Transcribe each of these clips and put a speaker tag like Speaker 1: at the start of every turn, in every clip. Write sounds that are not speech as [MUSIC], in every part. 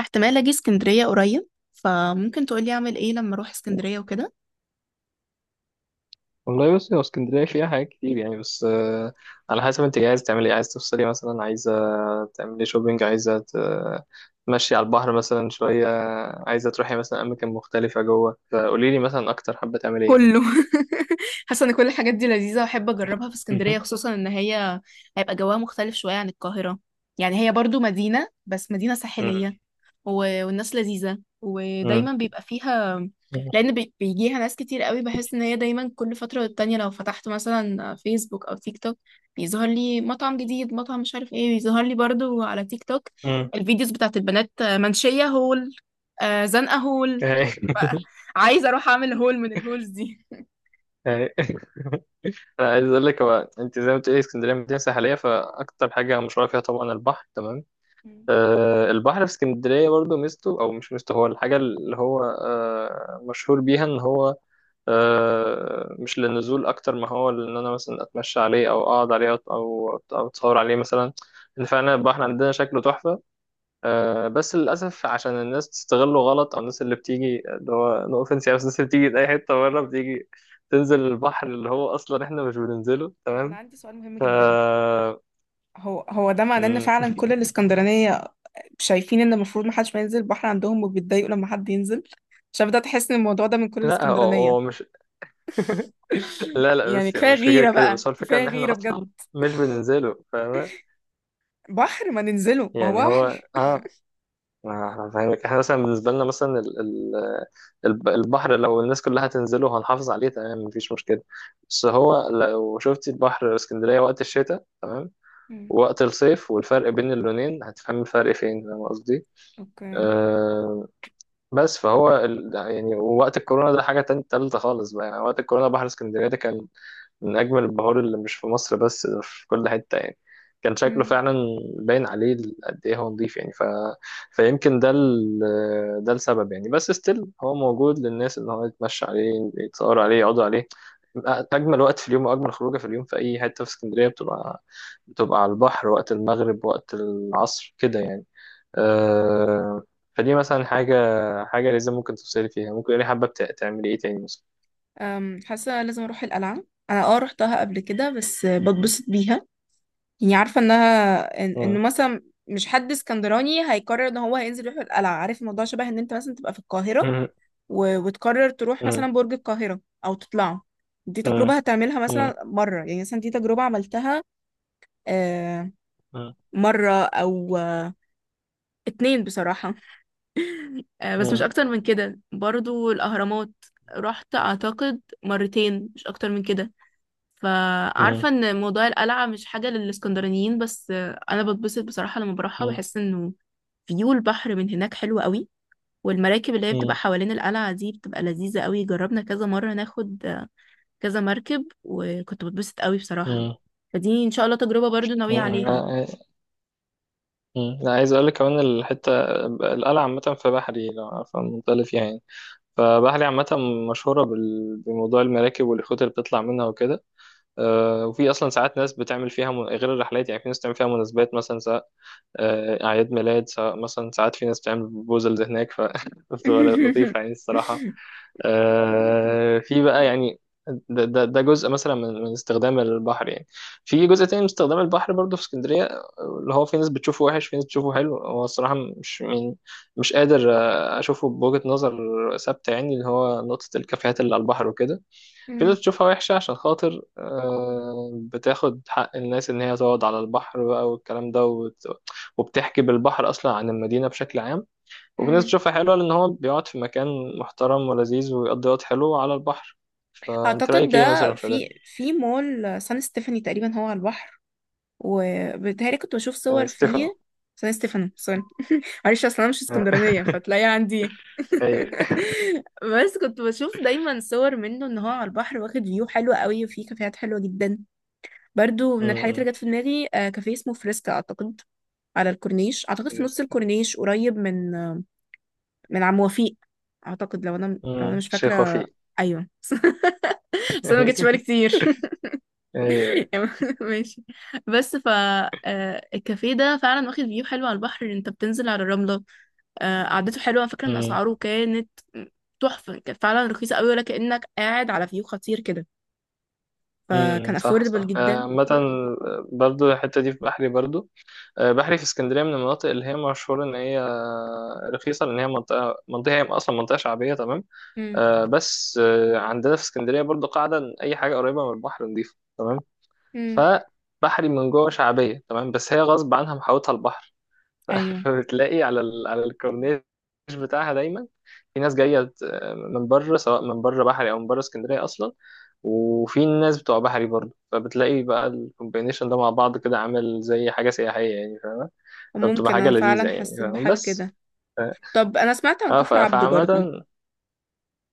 Speaker 1: احتمال اجي اسكندرية قريب فممكن تقولي اعمل ايه لما اروح اسكندرية وكده
Speaker 2: والله بصي، هو اسكندرية فيها حاجات كتير يعني. بس على حسب انت عايز تعملي ايه، عايز تفصلي مثلا، عايزة تعملي شوبينج، عايزة تمشي على البحر مثلا شوية، عايزة تروحي مثلا أماكن مختلفة جوه. فقولي لي مثلا أكتر حابة تعملي ايه
Speaker 1: كله. [LAUGHS] حاسه ان كل الحاجات دي لذيذه واحب اجربها في اسكندريه
Speaker 2: مهم.
Speaker 1: خصوصا ان هي هيبقى جواها مختلف شويه عن القاهره. يعني هي برضو مدينه بس مدينه
Speaker 2: مم.
Speaker 1: ساحليه، والناس لذيذة
Speaker 2: مم.
Speaker 1: ودايما بيبقى فيها
Speaker 2: مم.
Speaker 1: لأن بيجيها ناس كتير قوي. بحس إن هي دايما كل فترة والتانية لو فتحت مثلا فيسبوك أو تيك توك بيظهر لي مطعم جديد، مطعم مش عارف ايه، بيظهر لي برضو على تيك توك
Speaker 2: مم.
Speaker 1: الفيديوز بتاعت البنات. منشية هول، زنقة هول. [LAUGHS]
Speaker 2: أي. [LAUGHS]
Speaker 1: ف- عايزة أروح أعمل هول من الهولز دي.
Speaker 2: أي. [LAUGHS] أنا عايز أقول لك، هو أنت زي ما بتقولي اسكندرية مدينة ساحلية، فأكتر حاجة مشهورة فيها طبعا البحر، تمام؟
Speaker 1: مم.
Speaker 2: البحر في اسكندرية برضو ميزته، أو مش ميزته، هو الحاجة اللي هو مشهور بيها، إن هو مش للنزول أكتر ما هو إن أنا مثلا أتمشى عليه، أو أقعد عليه، أو أتصور عليه مثلا. إن فعلا البحر عندنا شكله تحفة. بس للأسف عشان الناس تستغله غلط، أو الناس اللي بتيجي، اللي هو نو أوفنس يعني، بس الناس اللي بتيجي من أي حتة بره بتيجي تنزل البحر اللي هو أصلا إحنا مش بننزله،
Speaker 1: انا
Speaker 2: تمام؟
Speaker 1: عندي سؤال مهم
Speaker 2: ف
Speaker 1: جدا.
Speaker 2: [LAUGHS]
Speaker 1: هو ده معناه ان
Speaker 2: م-
Speaker 1: فعلا كل الاسكندرانيه شايفين ان المفروض محدش ما ينزل البحر عندهم وبيتضايقوا لما حد ينزل؟ عشان بدأت احس ان الموضوع ده من كل
Speaker 2: لا، هو
Speaker 1: الاسكندرانية.
Speaker 2: هو مش، لا لا،
Speaker 1: يعني
Speaker 2: بس يعني
Speaker 1: كفاية
Speaker 2: مش فكرة
Speaker 1: غيرة
Speaker 2: كده،
Speaker 1: بقى،
Speaker 2: بس هو الفكرة
Speaker 1: كفاية
Speaker 2: ان احنا
Speaker 1: غيرة
Speaker 2: اصلا
Speaker 1: بجد.
Speaker 2: مش بننزله، فاهم؟
Speaker 1: بحر ما ننزله، ما هو
Speaker 2: يعني هو
Speaker 1: بحر.
Speaker 2: اه، ما احنا فاهمك، احنا مثلا بالنسبة لنا مثلا، البحر لو الناس كلها هتنزله هنحافظ عليه، تمام، مفيش مشكلة. بس هو لو شفتي البحر اسكندرية وقت الشتاء، تمام،
Speaker 1: مم.
Speaker 2: ووقت الصيف، والفرق بين اللونين هتفهم الفرق فين، فاهم قصدي؟
Speaker 1: اوكي.
Speaker 2: أه. بس يعني وقت الكورونا ده حاجة تانية تالتة خالص بقى، يعني وقت الكورونا بحر اسكندرية ده كان من أجمل البهار، اللي مش في مصر بس، ده في كل حتة يعني. كان شكله
Speaker 1: مم.
Speaker 2: فعلا باين عليه قد إيه هو نضيف يعني. ف... فيمكن ده ال... ده السبب يعني. بس ستيل هو موجود للناس، إن هو يتمشى عليه، يتصور عليه، يقعدوا عليه. أجمل وقت في اليوم، وأجمل خروجة في اليوم في أي حتة في اسكندرية، بتبقى على البحر، وقت المغرب، وقت العصر كده يعني. أه... فدي مثلا حاجة لازم ممكن تفصلي فيها. ممكن يعني حابة تعملي إيه تاني مثلا؟
Speaker 1: حاسة لازم اروح القلعة. انا رحتها قبل كده بس بتبسط بيها. يعني عارفة انها انه
Speaker 2: مم.
Speaker 1: مثلا مش حد اسكندراني هيقرر ان هو هينزل يروح القلعة. عارف الموضوع شبه ان انت مثلا تبقى في القاهرة وتقرر تروح مثلا
Speaker 2: مم.
Speaker 1: برج القاهرة أو تطلعه. دي
Speaker 2: مم.
Speaker 1: تجربة هتعملها
Speaker 2: مم.
Speaker 1: مثلا مرة، يعني مثلا دي تجربة عملتها آه،
Speaker 2: مم.
Speaker 1: مرة أو اتنين بصراحة. بس مش
Speaker 2: مم.
Speaker 1: أكتر من كده. برضو الأهرامات رحت أعتقد مرتين، مش أكتر من كده.
Speaker 2: مم.
Speaker 1: فعارفة إن موضوع القلعة مش حاجة للإسكندرانيين، بس أنا بتبسط بصراحة لما بروحها.
Speaker 2: مم.
Speaker 1: بحس إنه فيو البحر من هناك حلو قوي، والمراكب اللي هي بتبقى
Speaker 2: مم.
Speaker 1: حوالين القلعة دي بتبقى لذيذة قوي. جربنا كذا مرة ناخد كذا مركب وكنت بتبسط قوي بصراحة.
Speaker 2: مم.
Speaker 1: فدي ان شاء الله تجربة برضو ناوية
Speaker 2: مم.
Speaker 1: عليها.
Speaker 2: لا. مم. لا، عايز اقول لك كمان الحته. القلعه عامه في بحري، لو عارفه المنطقه اللي فيها يعني. فبحري عامه مشهوره بموضوع المراكب واليخوت اللي بتطلع منها وكده. وفي اصلا ساعات ناس بتعمل فيها من... غير الرحلات، يعني في ناس بتعمل فيها مناسبات مثلا، سواء اعياد ميلاد، سواء مثلا ساعات في ناس بتعمل بروبوزلز هناك. ف [LAUGHS] بتبقى
Speaker 1: [LAUGHS]
Speaker 2: لطيفه يعني الصراحه. في بقى يعني ده جزء مثلا من استخدام البحر يعني. في جزء تاني من استخدام البحر برضو في اسكندرية، اللي هو في ناس بتشوفه وحش، في ناس بتشوفه حلو. هو الصراحة مش يعني، مش قادر أشوفه بوجهة نظر ثابتة يعني. اللي هو نقطة الكافيهات اللي على البحر وكده، في ناس
Speaker 1: مم.
Speaker 2: بتشوفها وحشة عشان خاطر بتاخد حق الناس إن هي تقعد على البحر بقى، والكلام ده، وبتحكي بالبحر أصلا عن المدينة بشكل عام. وفي ناس
Speaker 1: مم.
Speaker 2: بتشوفها حلوة، لأن هو بيقعد في مكان محترم ولذيذ، ويقضي وقت حلو على البحر. فأنت
Speaker 1: اعتقد
Speaker 2: رأيك إيه
Speaker 1: ده
Speaker 2: مثلا في ده؟
Speaker 1: في مول سان ستيفاني تقريبا هو على البحر، وبيتهيألي كنت بشوف
Speaker 2: سان
Speaker 1: صور
Speaker 2: ستيفانو.
Speaker 1: فيه. سان ستيفاني سوري، معلش اصل انا مش اسكندرانيه
Speaker 2: [LAUGHS]
Speaker 1: فتلاقي عندي.
Speaker 2: أيوة.
Speaker 1: [LAUGHS] بس كنت بشوف دايما صور منه ان هو على البحر، واخد فيو حلو قوي وفيه كافيهات حلوه جدا. برضو من الحاجات
Speaker 2: أمم.
Speaker 1: اللي جت في دماغي كافيه اسمه فريسكا اعتقد، على الكورنيش، اعتقد في نص
Speaker 2: بالنسبة.
Speaker 1: الكورنيش قريب من من عم وفيق. اعتقد لو انا
Speaker 2: أمم.
Speaker 1: مش
Speaker 2: الشيخ
Speaker 1: فاكره.
Speaker 2: وفيق.
Speaker 1: ايوه. [LAUGHS] بس انا ما جتش بالي
Speaker 2: [LAUGHS]
Speaker 1: كتير.
Speaker 2: أيوه.
Speaker 1: [LAUGHS] ماشي. بس ف الكافيه ده فعلا واخد فيو حلو على البحر، انت بتنزل على الرمله. قعدته حلوه. انا فاكره ان
Speaker 2: أمم.
Speaker 1: اسعاره كانت تحفه، كانت فعلا رخيصه قوي، ولا كانك قاعد على فيو خطير كده،
Speaker 2: أمم.
Speaker 1: فكان
Speaker 2: صح
Speaker 1: افوردبل
Speaker 2: صح.
Speaker 1: جدا.
Speaker 2: عامة برضو الحتة دي في بحري برضو. بحري في اسكندرية من المناطق اللي هي مشهورة إن هي رخيصة، لأن هي منطقة هي أصلا منطقة شعبية، تمام؟
Speaker 1: امم.
Speaker 2: آه، بس آه، عندنا في اسكندرية برضو قاعدة إن أي حاجة قريبة من البحر نضيفة، تمام؟
Speaker 1: امم.
Speaker 2: فبحري من جوه شعبية، تمام، بس هي غصب عنها محاوطها البحر. [LAUGHS]
Speaker 1: ايوه.
Speaker 2: فبتلاقي على ال... على الكورنيش بتاعها دايما في ناس جاية من بره، سواء من بره بحري أو من بره اسكندرية أصلا، وفي ناس بتوع بحري برضه. فبتلاقي بقى الكومبينيشن ده مع بعض كده، عامل زي حاجة سياحية يعني، فاهم؟ فبتبقى
Speaker 1: ممكن
Speaker 2: حاجة
Speaker 1: انا
Speaker 2: لذيذة
Speaker 1: فعلا
Speaker 2: يعني،
Speaker 1: حسيت
Speaker 2: فاهم؟
Speaker 1: بحاجة
Speaker 2: بس
Speaker 1: كده.
Speaker 2: ف-
Speaker 1: طب انا سمعت عن كفر عبده
Speaker 2: فعامة
Speaker 1: برضو.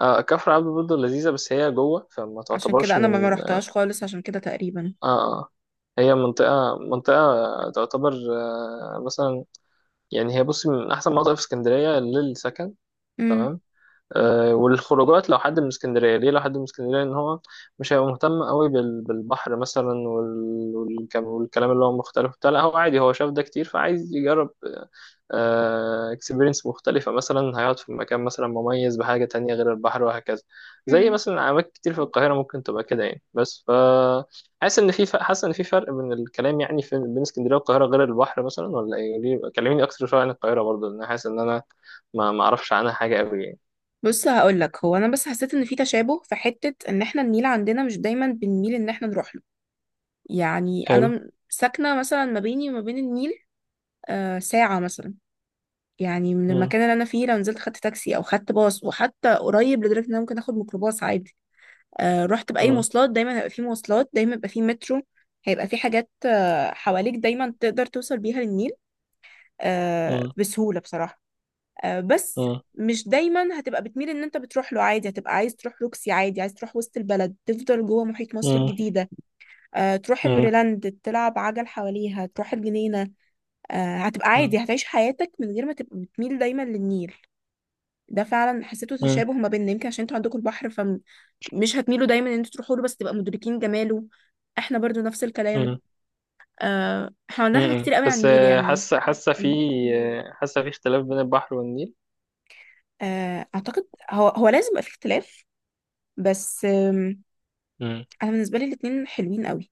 Speaker 2: كفر عبده برضه لذيذة، بس هي جوه، فما
Speaker 1: عشان كده
Speaker 2: تعتبرش
Speaker 1: انا ما
Speaker 2: من،
Speaker 1: رحتهاش خالص، عشان كده تقريبا.
Speaker 2: اه اه، هي منطقة تعتبر مثلا، يعني هي بصي من أحسن مناطق في اسكندرية للسكن،
Speaker 1: امم.
Speaker 2: تمام. آه. والخروجات، لو حد من اسكندرية ليه، لو حد من اسكندرية إن هو مش هيبقى مهتم قوي بالبحر مثلا والكلام، والكلام اللي هو مختلف بتاع، لا هو عادي، هو شاف ده كتير، فعايز يجرب اكسبيرينس مختلفة مثلا، هيقعد في مكان مثلا مميز بحاجة تانية غير البحر، وهكذا. زي
Speaker 1: امم.
Speaker 2: مثلا أماكن كتير في القاهرة ممكن تبقى كده يعني. بس ف، حاسس إن في حاسس إن في فرق بين الكلام يعني، في بين اسكندرية والقاهرة غير البحر مثلا، ولا إيه؟ ليه كلميني أكتر شوية عن القاهرة برضه، لأن حاسس إن أنا ما أعرفش عنها حاجة أوي يعني.
Speaker 1: بص هقول لك، هو انا بس حسيت ان في تشابه في حتة ان احنا النيل عندنا مش دايما بنميل ان احنا نروح له. يعني انا
Speaker 2: حلو.
Speaker 1: ساكنة مثلا ما بيني وما بين النيل ساعة مثلا. يعني من
Speaker 2: مم.
Speaker 1: المكان اللي انا فيه، لو نزلت خدت تاكسي او خدت باص، وحتى قريب لدرجة ان انا ممكن اخد ميكروباص عادي. رحت بأي
Speaker 2: مم.
Speaker 1: مواصلات دايما هيبقى في مواصلات، دايما هيبقى في مترو، هيبقى في حاجات حواليك دايما تقدر توصل بيها للنيل
Speaker 2: مم.
Speaker 1: بسهولة بصراحة. بس
Speaker 2: مم.
Speaker 1: مش دايما هتبقى بتميل ان انت بتروح له، عادي هتبقى عايز تروح روكسي، عادي عايز تروح وسط البلد، تفضل جوه محيط مصر
Speaker 2: مم.
Speaker 1: الجديدة تروح
Speaker 2: مم.
Speaker 1: الميريلاند تلعب عجل حواليها، تروح الجنينة هتبقى عادي، هتعيش حياتك من غير ما تبقى بتميل دايما للنيل. ده فعلا حسيته
Speaker 2: مم.
Speaker 1: تشابه ما بيننا، يمكن عشان انتوا عندكم البحر فمش هتميلوا دايما ان انتوا تروحوا له، بس تبقى مدركين جماله. احنا برضو نفس الكلام.
Speaker 2: مم.
Speaker 1: احنا عندنا حاجات
Speaker 2: مم.
Speaker 1: كتير قوي عن
Speaker 2: بس
Speaker 1: النيل يعني. قولي.
Speaker 2: حاسة في اختلاف بين البحر والنيل.
Speaker 1: اعتقد هو لازم يبقى في اختلاف. بس
Speaker 2: مم.
Speaker 1: انا بالنسبه لي الاتنين حلوين قوي.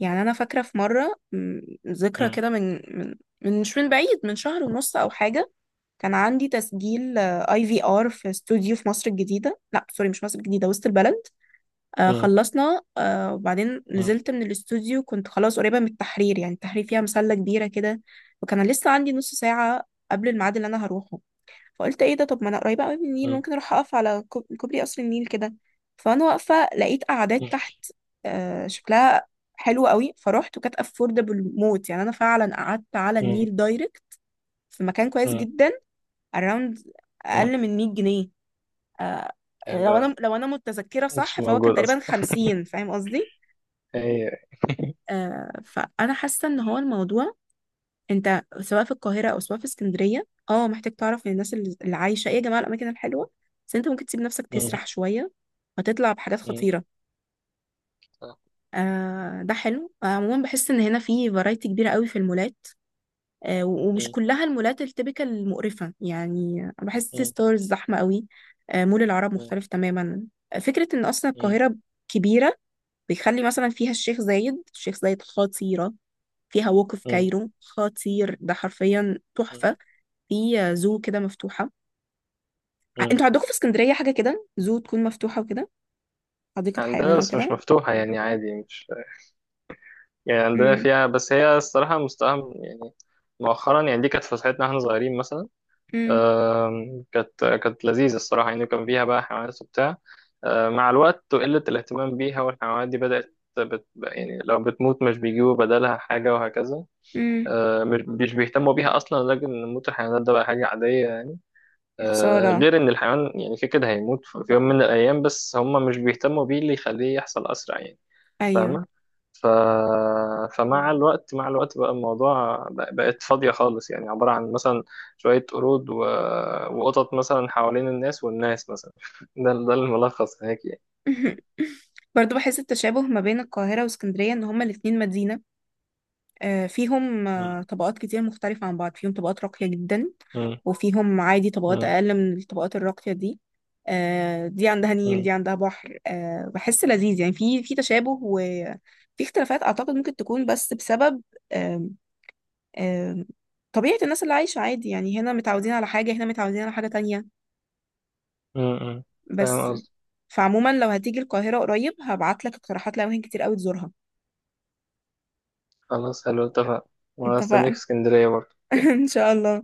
Speaker 1: يعني انا فاكره في مره، ذكرى كده من من من مش من بعيد، من شهر ونص او حاجه. كان عندي تسجيل اي في ار في استوديو في مصر الجديده، لا سوري مش مصر الجديده، وسط البلد.
Speaker 2: مم.
Speaker 1: خلصنا وبعدين
Speaker 2: مم.
Speaker 1: نزلت من الاستوديو، كنت خلاص قريبة من التحرير. يعني التحرير فيها مسلة كبيرة كده، وكان لسه عندي نص ساعة قبل الميعاد اللي أنا هروحه. فقلت إيه ده، طب ما أنا قريبة قوي من النيل،
Speaker 2: مم.
Speaker 1: ممكن أروح أقف على كوبري قصر النيل كده. فأنا واقفة لقيت قعدات
Speaker 2: مم.
Speaker 1: تحت شكلها حلو قوي، فروحت وكانت أفوردبل موت، يعني أنا فعلا قعدت على
Speaker 2: مم.
Speaker 1: النيل دايركت في مكان كويس
Speaker 2: مم.
Speaker 1: جدا. أراوند
Speaker 2: مم.
Speaker 1: أقل من 100 جنيه. آه.
Speaker 2: يعني
Speaker 1: لو
Speaker 2: هو
Speaker 1: أنا لو أنا متذكرة
Speaker 2: مش
Speaker 1: صح فهو كان
Speaker 2: موجود
Speaker 1: تقريبا
Speaker 2: أصلا.
Speaker 1: 50، فاهم قصدي؟
Speaker 2: [LAUGHS] هي.
Speaker 1: فانا حاسه ان هو الموضوع، انت سواء في القاهره او سواء في اسكندريه محتاج تعرف من الناس اللي عايشه ايه يا جماعه الاماكن الحلوه. بس انت ممكن تسيب نفسك
Speaker 2: مم.
Speaker 1: تسرح شويه وتطلع بحاجات
Speaker 2: مم.
Speaker 1: خطيره.
Speaker 2: صح.
Speaker 1: ده حلو. عموما بحس ان هنا في فرايتي كبيره قوي في المولات. ومش
Speaker 2: مم.
Speaker 1: كلها المولات التبكة المقرفه، يعني أنا بحس سي
Speaker 2: مم.
Speaker 1: ستارز زحمه قوي. مول العرب
Speaker 2: مم.
Speaker 1: مختلف تماما. فكره ان اصلا
Speaker 2: مم.
Speaker 1: القاهره كبيره بيخلي مثلا فيها الشيخ زايد، الشيخ زايد خطيره، فيها وقف
Speaker 2: مم.
Speaker 1: كايرو خطير، ده حرفيا تحفة. في زو كده مفتوحة.
Speaker 2: مم.
Speaker 1: انتوا عندكم في اسكندرية حاجة كده زو تكون مفتوحة وكده، حديقة حيوان
Speaker 2: عندنا،
Speaker 1: أو
Speaker 2: بس مش
Speaker 1: كده؟
Speaker 2: مفتوحة يعني، عادي مش، يعني عندنا
Speaker 1: مم.
Speaker 2: فيها، بس هي الصراحة مستواها يعني مؤخرا يعني. دي كانت فسحتنا واحنا صغيرين مثلا.
Speaker 1: مم.
Speaker 2: آم، كانت لذيذة الصراحة يعني، كان فيها بقى حيوانات وبتاع. آم، مع الوقت وقلة الاهتمام بيها، والحيوانات دي بدأت بت... يعني لو بتموت مش بيجيبوا بدلها حاجة، وهكذا.
Speaker 1: مم.
Speaker 2: آه، مش بيهتموا بيها اصلا. لكن موت الحيوانات ده بقى حاجه عاديه يعني.
Speaker 1: يا خسارة.
Speaker 2: غير ان الحيوان يعني كده كده هيموت في يوم من الايام، بس هم مش بيهتموا بيه، اللي يخليه يحصل اسرع يعني،
Speaker 1: أيوه.
Speaker 2: فاهمه؟ ف... فمع الوقت، مع الوقت بقى الموضوع بقت فاضيه خالص، يعني عباره عن مثلا شويه قرود و... وقطط مثلا حوالين الناس، والناس مثلا. [LAUGHS] ده ده الملخص هيك يعني.
Speaker 1: [LAUGHS] برضو بحس التشابه ما بين القاهرة واسكندرية إن هما الاتنين مدينة، فيهم
Speaker 2: م-
Speaker 1: طبقات كتير مختلفة عن بعض، فيهم طبقات راقية جدا
Speaker 2: م-
Speaker 1: وفيهم عادي طبقات
Speaker 2: م-
Speaker 1: أقل من الطبقات الراقية دي. دي عندها نيل
Speaker 2: م-
Speaker 1: دي عندها بحر، بحس لذيذ يعني، في تشابه وفي اختلافات أعتقد ممكن تكون بس بسبب آم، آم، طبيعة الناس اللي عايشة عادي يعني، هنا متعودين على حاجة هنا متعودين على حاجة تانية
Speaker 2: م- م.
Speaker 1: بس.
Speaker 2: فاهم قصدي؟
Speaker 1: فعموما لو هتيجي القاهرة قريب هبعتلك اقتراحات لأماكن كتير أوي تزورها.
Speaker 2: خلاص، حلو، اتفقنا. وانا استنيك
Speaker 1: اتفقنا.
Speaker 2: في اسكندريه برضه.
Speaker 1: [LAUGHS] إن شاء الله.